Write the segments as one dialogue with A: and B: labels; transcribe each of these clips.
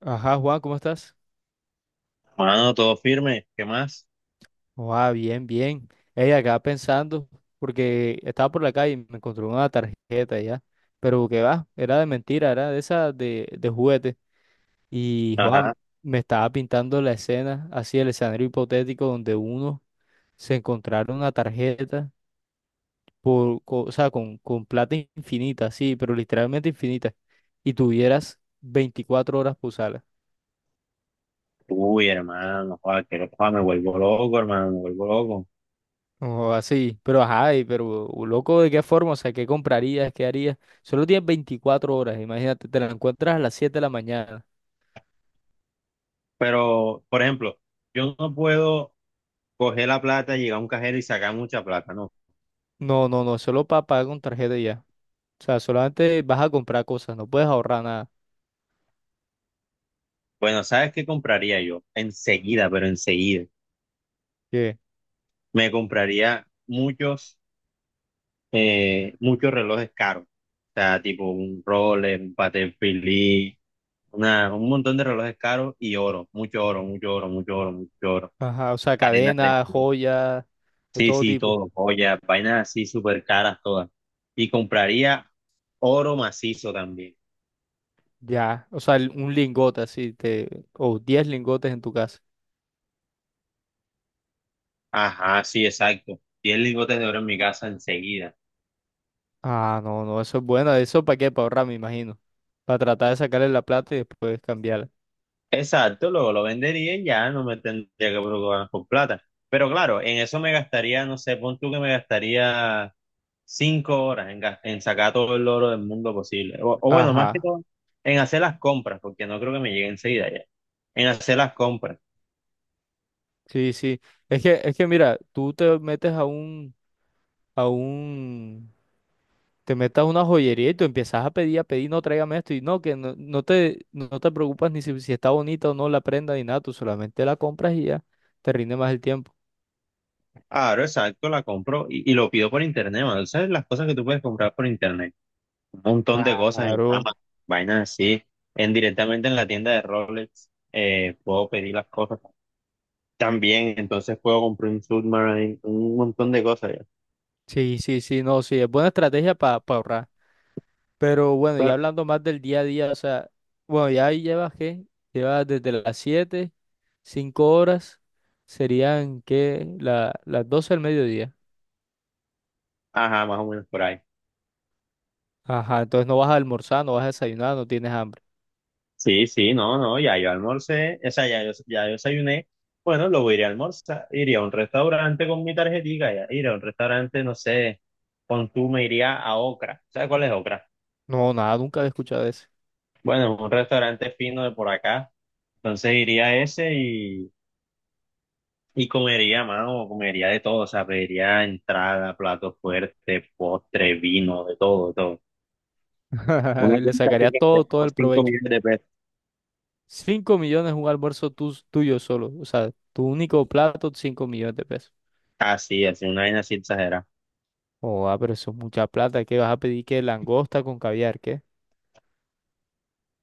A: Ajá, Juan, ¿cómo estás?
B: Mano, todo firme, ¿qué más?
A: Ah, bien, bien. Ey, acá pensando, porque estaba por la calle y me encontré una tarjeta ya. Pero que va, era de mentira, era de esa de juguete. Y
B: Ajá.
A: Juan me estaba pintando la escena, así el escenario hipotético donde uno se encontrara una tarjeta, o sea, con plata infinita, sí, pero literalmente infinita, y tuvieras 24 horas para usarla.
B: Uy, hermano, joder, que joder, me vuelvo loco, hermano, me vuelvo loco.
A: O así, pero ajá, y pero loco, ¿de qué forma? O sea, ¿qué comprarías? ¿Qué harías? Solo tienes 24 horas, imagínate, te la encuentras a las 7 de la mañana.
B: Pero, por ejemplo, yo no puedo coger la plata, llegar a un cajero y sacar mucha plata, ¿no?
A: No, no, no, solo para pagar con tarjeta y ya. O sea, solamente vas a comprar cosas, no puedes ahorrar nada.
B: Bueno, ¿sabes qué compraría yo? Enseguida, pero enseguida.
A: ¿Qué?
B: Me compraría muchos, muchos relojes caros. O sea, tipo un Rolex, un Patek Philippe, un montón de relojes caros y oro, mucho oro, mucho oro, mucho oro, mucho oro.
A: Ajá, o sea,
B: Cadenas de
A: cadenas,
B: oro.
A: joyas, de
B: Sí,
A: todo
B: sí,
A: tipo.
B: todo, joya, vainas así súper caras todas. Y compraría oro macizo también.
A: Ya, o sea, un lingote así, te, o 10 lingotes en tu casa.
B: Ajá, sí, exacto. 10 lingotes de oro en mi casa enseguida.
A: Ah, no, no, eso es bueno, ¿eso para qué? Para ahorrar, me imagino. Para tratar de sacarle la plata y después cambiarla.
B: Exacto, luego lo vendería y ya no me tendría que preocupar por plata. Pero claro, en eso me gastaría, no sé, pon tú que me gastaría 5 horas en, en sacar todo el oro del mundo posible. O bueno, más que
A: Ajá.
B: todo, en hacer las compras, porque no creo que me llegue enseguida ya. En hacer las compras.
A: Sí, sí. Es que mira, tú te metes a a un, te metes a una joyería y tú empiezas a pedir, no, tráigame esto y no, que no, no te preocupas ni si, si está bonita o no la prenda ni nada, tú solamente la compras y ya te rinde más el tiempo.
B: Claro, exacto, la compro y lo pido por internet, mano. ¿Sabes las cosas que tú puedes comprar por internet? Un montón de cosas en
A: Claro.
B: Amazon, vainas así, en, directamente en la tienda de Rolex, puedo pedir las cosas también, entonces puedo comprar un Submarine, un montón de cosas ya.
A: Sí, sí, sí, no, sí, es buena estrategia para ahorrar. Pero bueno, ya
B: Pero,
A: hablando más del día a día, o sea, bueno, ya ahí llevas qué, llevas desde las 7, 5 horas, serían que las 12 del mediodía.
B: ajá, más o menos por ahí.
A: Ajá, entonces no vas a almorzar, no vas a desayunar, no tienes hambre.
B: Sí, sí, no, no, ya yo almorcé, o sea, ya yo desayuné, bueno, luego iré a almorzar, iré a un restaurante con mi tarjetita, ya, iré a un restaurante, no sé, con tú me iría a Ocra, ¿sabes cuál es Ocra?
A: No, nada, nunca he escuchado eso.
B: Bueno, un restaurante fino de por acá. Entonces iría a ese y comería, mano, comería de todo. O sea, pediría entrada, plato fuerte, postre, vino, de todo, de todo. Una
A: Le
B: cuenta así
A: sacaría
B: que sea
A: todo, todo
B: como
A: el
B: 5
A: provecho.
B: millones de pesos.
A: 5 millones un almuerzo tuyo solo. O sea, tu único plato, 5 millones de pesos.
B: Así, así, una vaina así exagerada.
A: Oh, ah, pero eso es mucha plata. ¿Qué vas a pedir? ¿Qué? Langosta con caviar, ¿qué?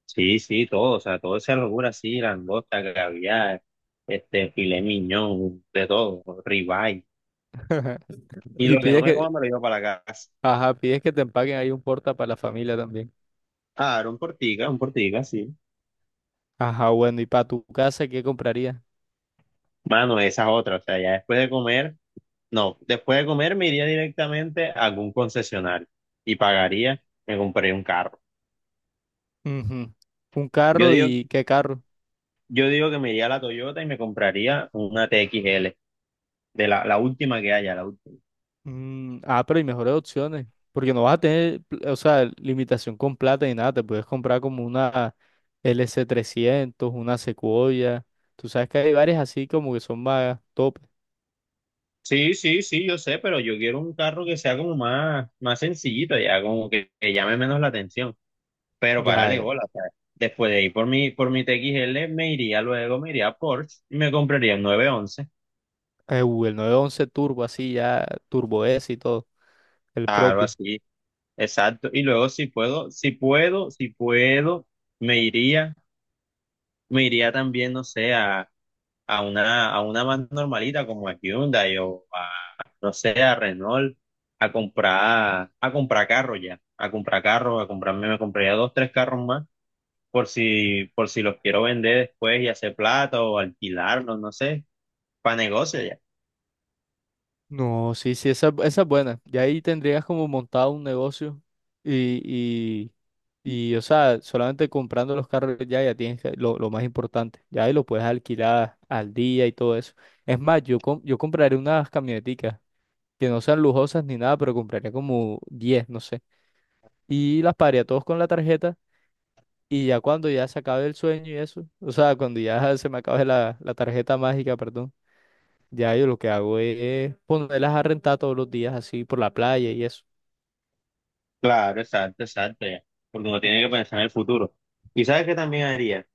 B: Sí, sí, todo, o sea, todo esa locura así, langosta, caviar, filet mignon, de todo, ribeye. Y
A: Y
B: lo que no
A: pides
B: me coma
A: que,
B: me lo llevo para la casa.
A: ajá, pides que te empaquen ahí un porta para la familia también.
B: Ah, era un portica, sí.
A: Ajá, bueno, ¿y para tu casa qué comprarías?
B: Mano, esa es otra, o sea, ya después de comer. No, después de comer me iría directamente a algún concesionario y pagaría, me compraría un carro.
A: Ujú. Un
B: Yo
A: carro
B: digo,
A: y ¿qué carro?
B: yo digo que me iría a la Toyota y me compraría una TXL, de la última que haya, la última.
A: Mm, ah, pero hay mejores opciones, porque no vas a tener, o sea, limitación con plata ni nada, te puedes comprar como una LC 300 una Sequoia, tú sabes que hay varias así como que son más top,
B: Sí, sí, sí, yo sé, pero yo quiero un carro que sea como más, más sencillito, ya como que llame menos la atención. Pero
A: ya,
B: párale
A: ya.
B: bola, o sea, después de ir por mi TXL me iría luego, me iría a Porsche y me compraría un nueve once,
A: El 911 Turbo, así ya, Turbo S y todo, el
B: algo
A: propio.
B: así. Exacto. Y luego si puedo, me iría, me iría también, no sé, a una más normalita como a Hyundai o no sé, a Renault, a comprar carro ya, a comprar carro, me compraría dos, tres carros más por si los quiero vender después y hacer plata o alquilarlos, no sé, para negocio ya.
A: No, sí, sí, esa es buena. Y ahí tendrías como montado un negocio y, y, o sea, solamente comprando los carros ya, ya tienes lo más importante. Ya ahí lo puedes alquilar al día y todo eso. Es más, yo, yo compraré unas camioneticas que no sean lujosas ni nada, pero compraría como 10 no sé. Y las pagaría todos con la tarjeta y ya cuando ya se acabe el sueño y eso, o sea, cuando ya se me acabe la tarjeta mágica, perdón. Ya yo lo que hago es ponerlas a rentar todos los días así por la playa y eso.
B: Claro, exacto, exacto ya. Porque uno tiene que pensar en el futuro. ¿Y sabes qué también haría?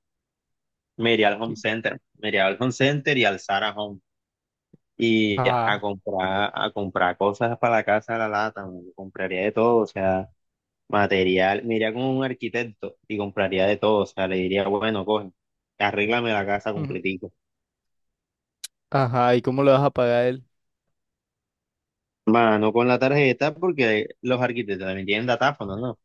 B: Me iría al home
A: ¿Qué?
B: center, me iría al home center y al Zara Home y
A: Ah,
B: a comprar cosas para la casa de la lata, me compraría de todo, o sea, material, me iría con un arquitecto y compraría de todo, o sea, le diría, bueno, coge, arréglame la casa
A: ujú.
B: completico.
A: Ajá, ¿y cómo le vas a pagar él?
B: Mano, con la tarjeta, porque los arquitectos también tienen datáfono, ¿no?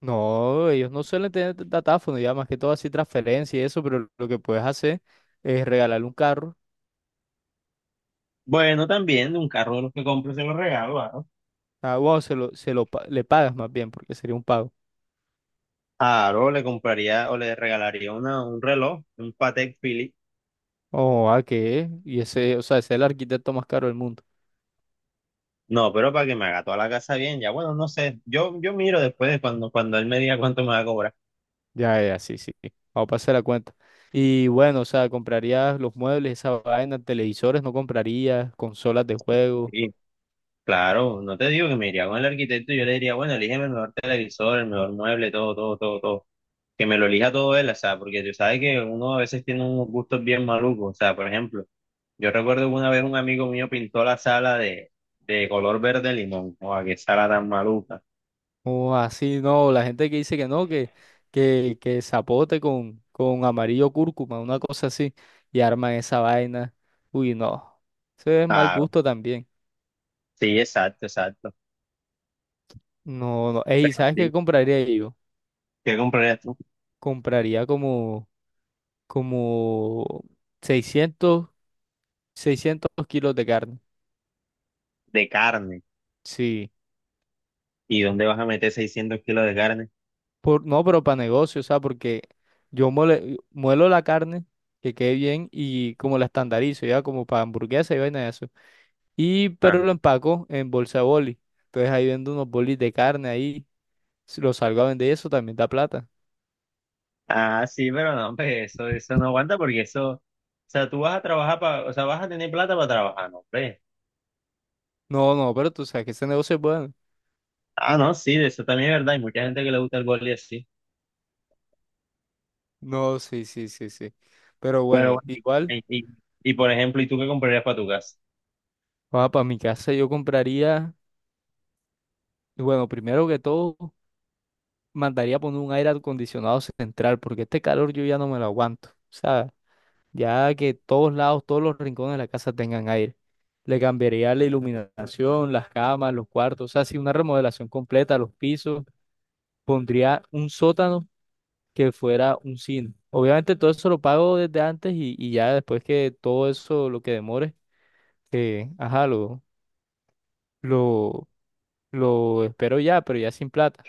A: No, ellos no suelen tener datáfono, ya más que todo así transferencia y eso, pero lo que puedes hacer es regalarle un carro.
B: Bueno, también un carro de los que compro se lo regalo, ¿no?
A: Ah, bueno, le pagas más bien, porque sería un pago.
B: Claro, le compraría o le regalaría un reloj, un Patek Philippe.
A: Oh, ¿a qué? Y ese, o sea, ese es el arquitecto más caro del mundo.
B: No, pero para que me haga toda la casa bien, ya bueno, no sé, yo miro después de cuando, cuando él me diga cuánto me va a cobrar.
A: Ya, ya, sí, sí, sí. Vamos a pasar la cuenta. Y bueno, o sea, comprarías los muebles, esa vaina, televisores, no comprarías, consolas de juego.
B: Y claro, no te digo que me iría con el arquitecto y yo le diría, bueno, elígeme el mejor televisor, el mejor mueble, todo, todo, todo, todo. Que me lo elija todo él, o sea, porque tú sabes que uno a veces tiene unos gustos bien malucos. O sea, por ejemplo, yo recuerdo que una vez un amigo mío pintó la sala de color verde limón. O qué sala tan maluca.
A: O así, no, la gente que dice que no, que zapote con amarillo cúrcuma, una cosa así, y arman esa vaina. Uy, no, eso es mal
B: Claro,
A: gusto también.
B: sí, exacto, exacto.
A: No, no, ey,
B: Pero
A: ¿sabes
B: sí,
A: qué compraría yo?
B: ¿qué comprarías tú?
A: Compraría como, como 600 600 kilos de carne.
B: De carne.
A: Sí,
B: ¿Y dónde vas a meter 600 kilos de carne?
A: por, no, pero para negocio, o sea, porque yo muelo la carne, que quede bien, y como la estandarizo, ya como para hamburguesa y vaina de. Y, pero lo empaco en bolsa de boli. Entonces ahí vendo unos bolis de carne ahí. Si lo salgo a vender, eso también da plata.
B: Ah, sí, pero no, pues eso no aguanta porque eso, o sea, tú vas a trabajar para, o sea, vas a tener plata para trabajar, no, hombre.
A: No, no, pero tú sabes que ese negocio es bueno.
B: Ah, no, sí, de eso también es verdad, hay mucha gente que le gusta el boli así,
A: No, sí, sí, sí, sí. Pero
B: pero
A: bueno,
B: bueno,
A: igual,
B: y, y, y, por ejemplo, ¿y tú qué comprarías para tu casa?
A: para mi casa yo compraría, y bueno, primero que todo, mandaría poner un aire acondicionado central, porque este calor yo ya no me lo aguanto. O sea, ya que todos lados, todos los rincones de la casa tengan aire. Le cambiaría la iluminación, las camas, los cuartos, o sea, sí, una remodelación completa, los pisos pondría un sótano que fuera un cine. Obviamente todo eso lo pago desde antes y ya después que todo eso, lo que demore, ajá, lo, lo espero ya, pero ya sin plata.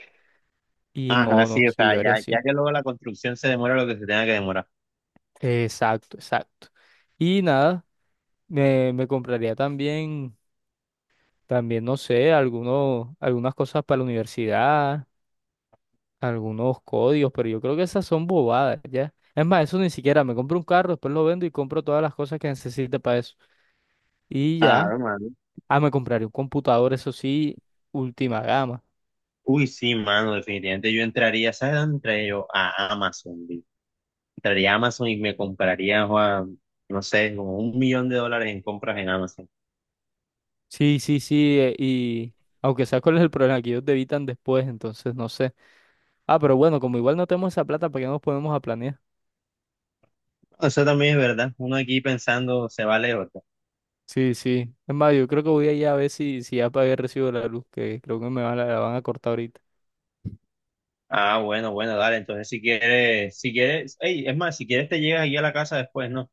A: Y
B: Ajá,
A: no, no,
B: sí, o
A: sí,
B: sea,
A: yo haría
B: ya,
A: así.
B: ya que luego la construcción se demora lo que se tenga que demorar.
A: Exacto, exacto. Y nada, me compraría también, también, no sé, algunas cosas para la universidad, algunos códigos, pero yo creo que esas son bobadas, ¿ya? Es más, eso ni siquiera, me compro un carro, después lo vendo y compro todas las cosas que necesite para eso. Y ya,
B: Claro, mano.
A: ah, me compraré un computador, eso sí, última gama.
B: Uy, sí, mano, definitivamente yo entraría, ¿sabes dónde entraría yo? A Amazon, vi. Entraría a Amazon y me compraría, Juan, no sé, como un millón de dólares en compras en Amazon.
A: Sí, sí, sí, y aunque sea cuál es el problema, que ellos debitan después, entonces no sé. Ah, pero bueno, como igual no tenemos esa plata, ¿para qué nos ponemos a planear?
B: Eso también es verdad. Uno aquí pensando se vale otro.
A: Sí, sí. Es más, yo creo que voy a ir a ver si, si ya pagué el recibo de la luz, que creo que me van, la van a cortar ahorita.
B: Ah, bueno, bueno, dale. Entonces, si quieres, si quieres, ey, es más, si quieres te llegas aquí a la casa después, ¿no?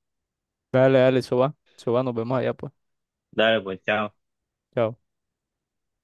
A: Dale, dale, eso va, nos vemos allá pues.
B: Dale, pues, chao.
A: Chao.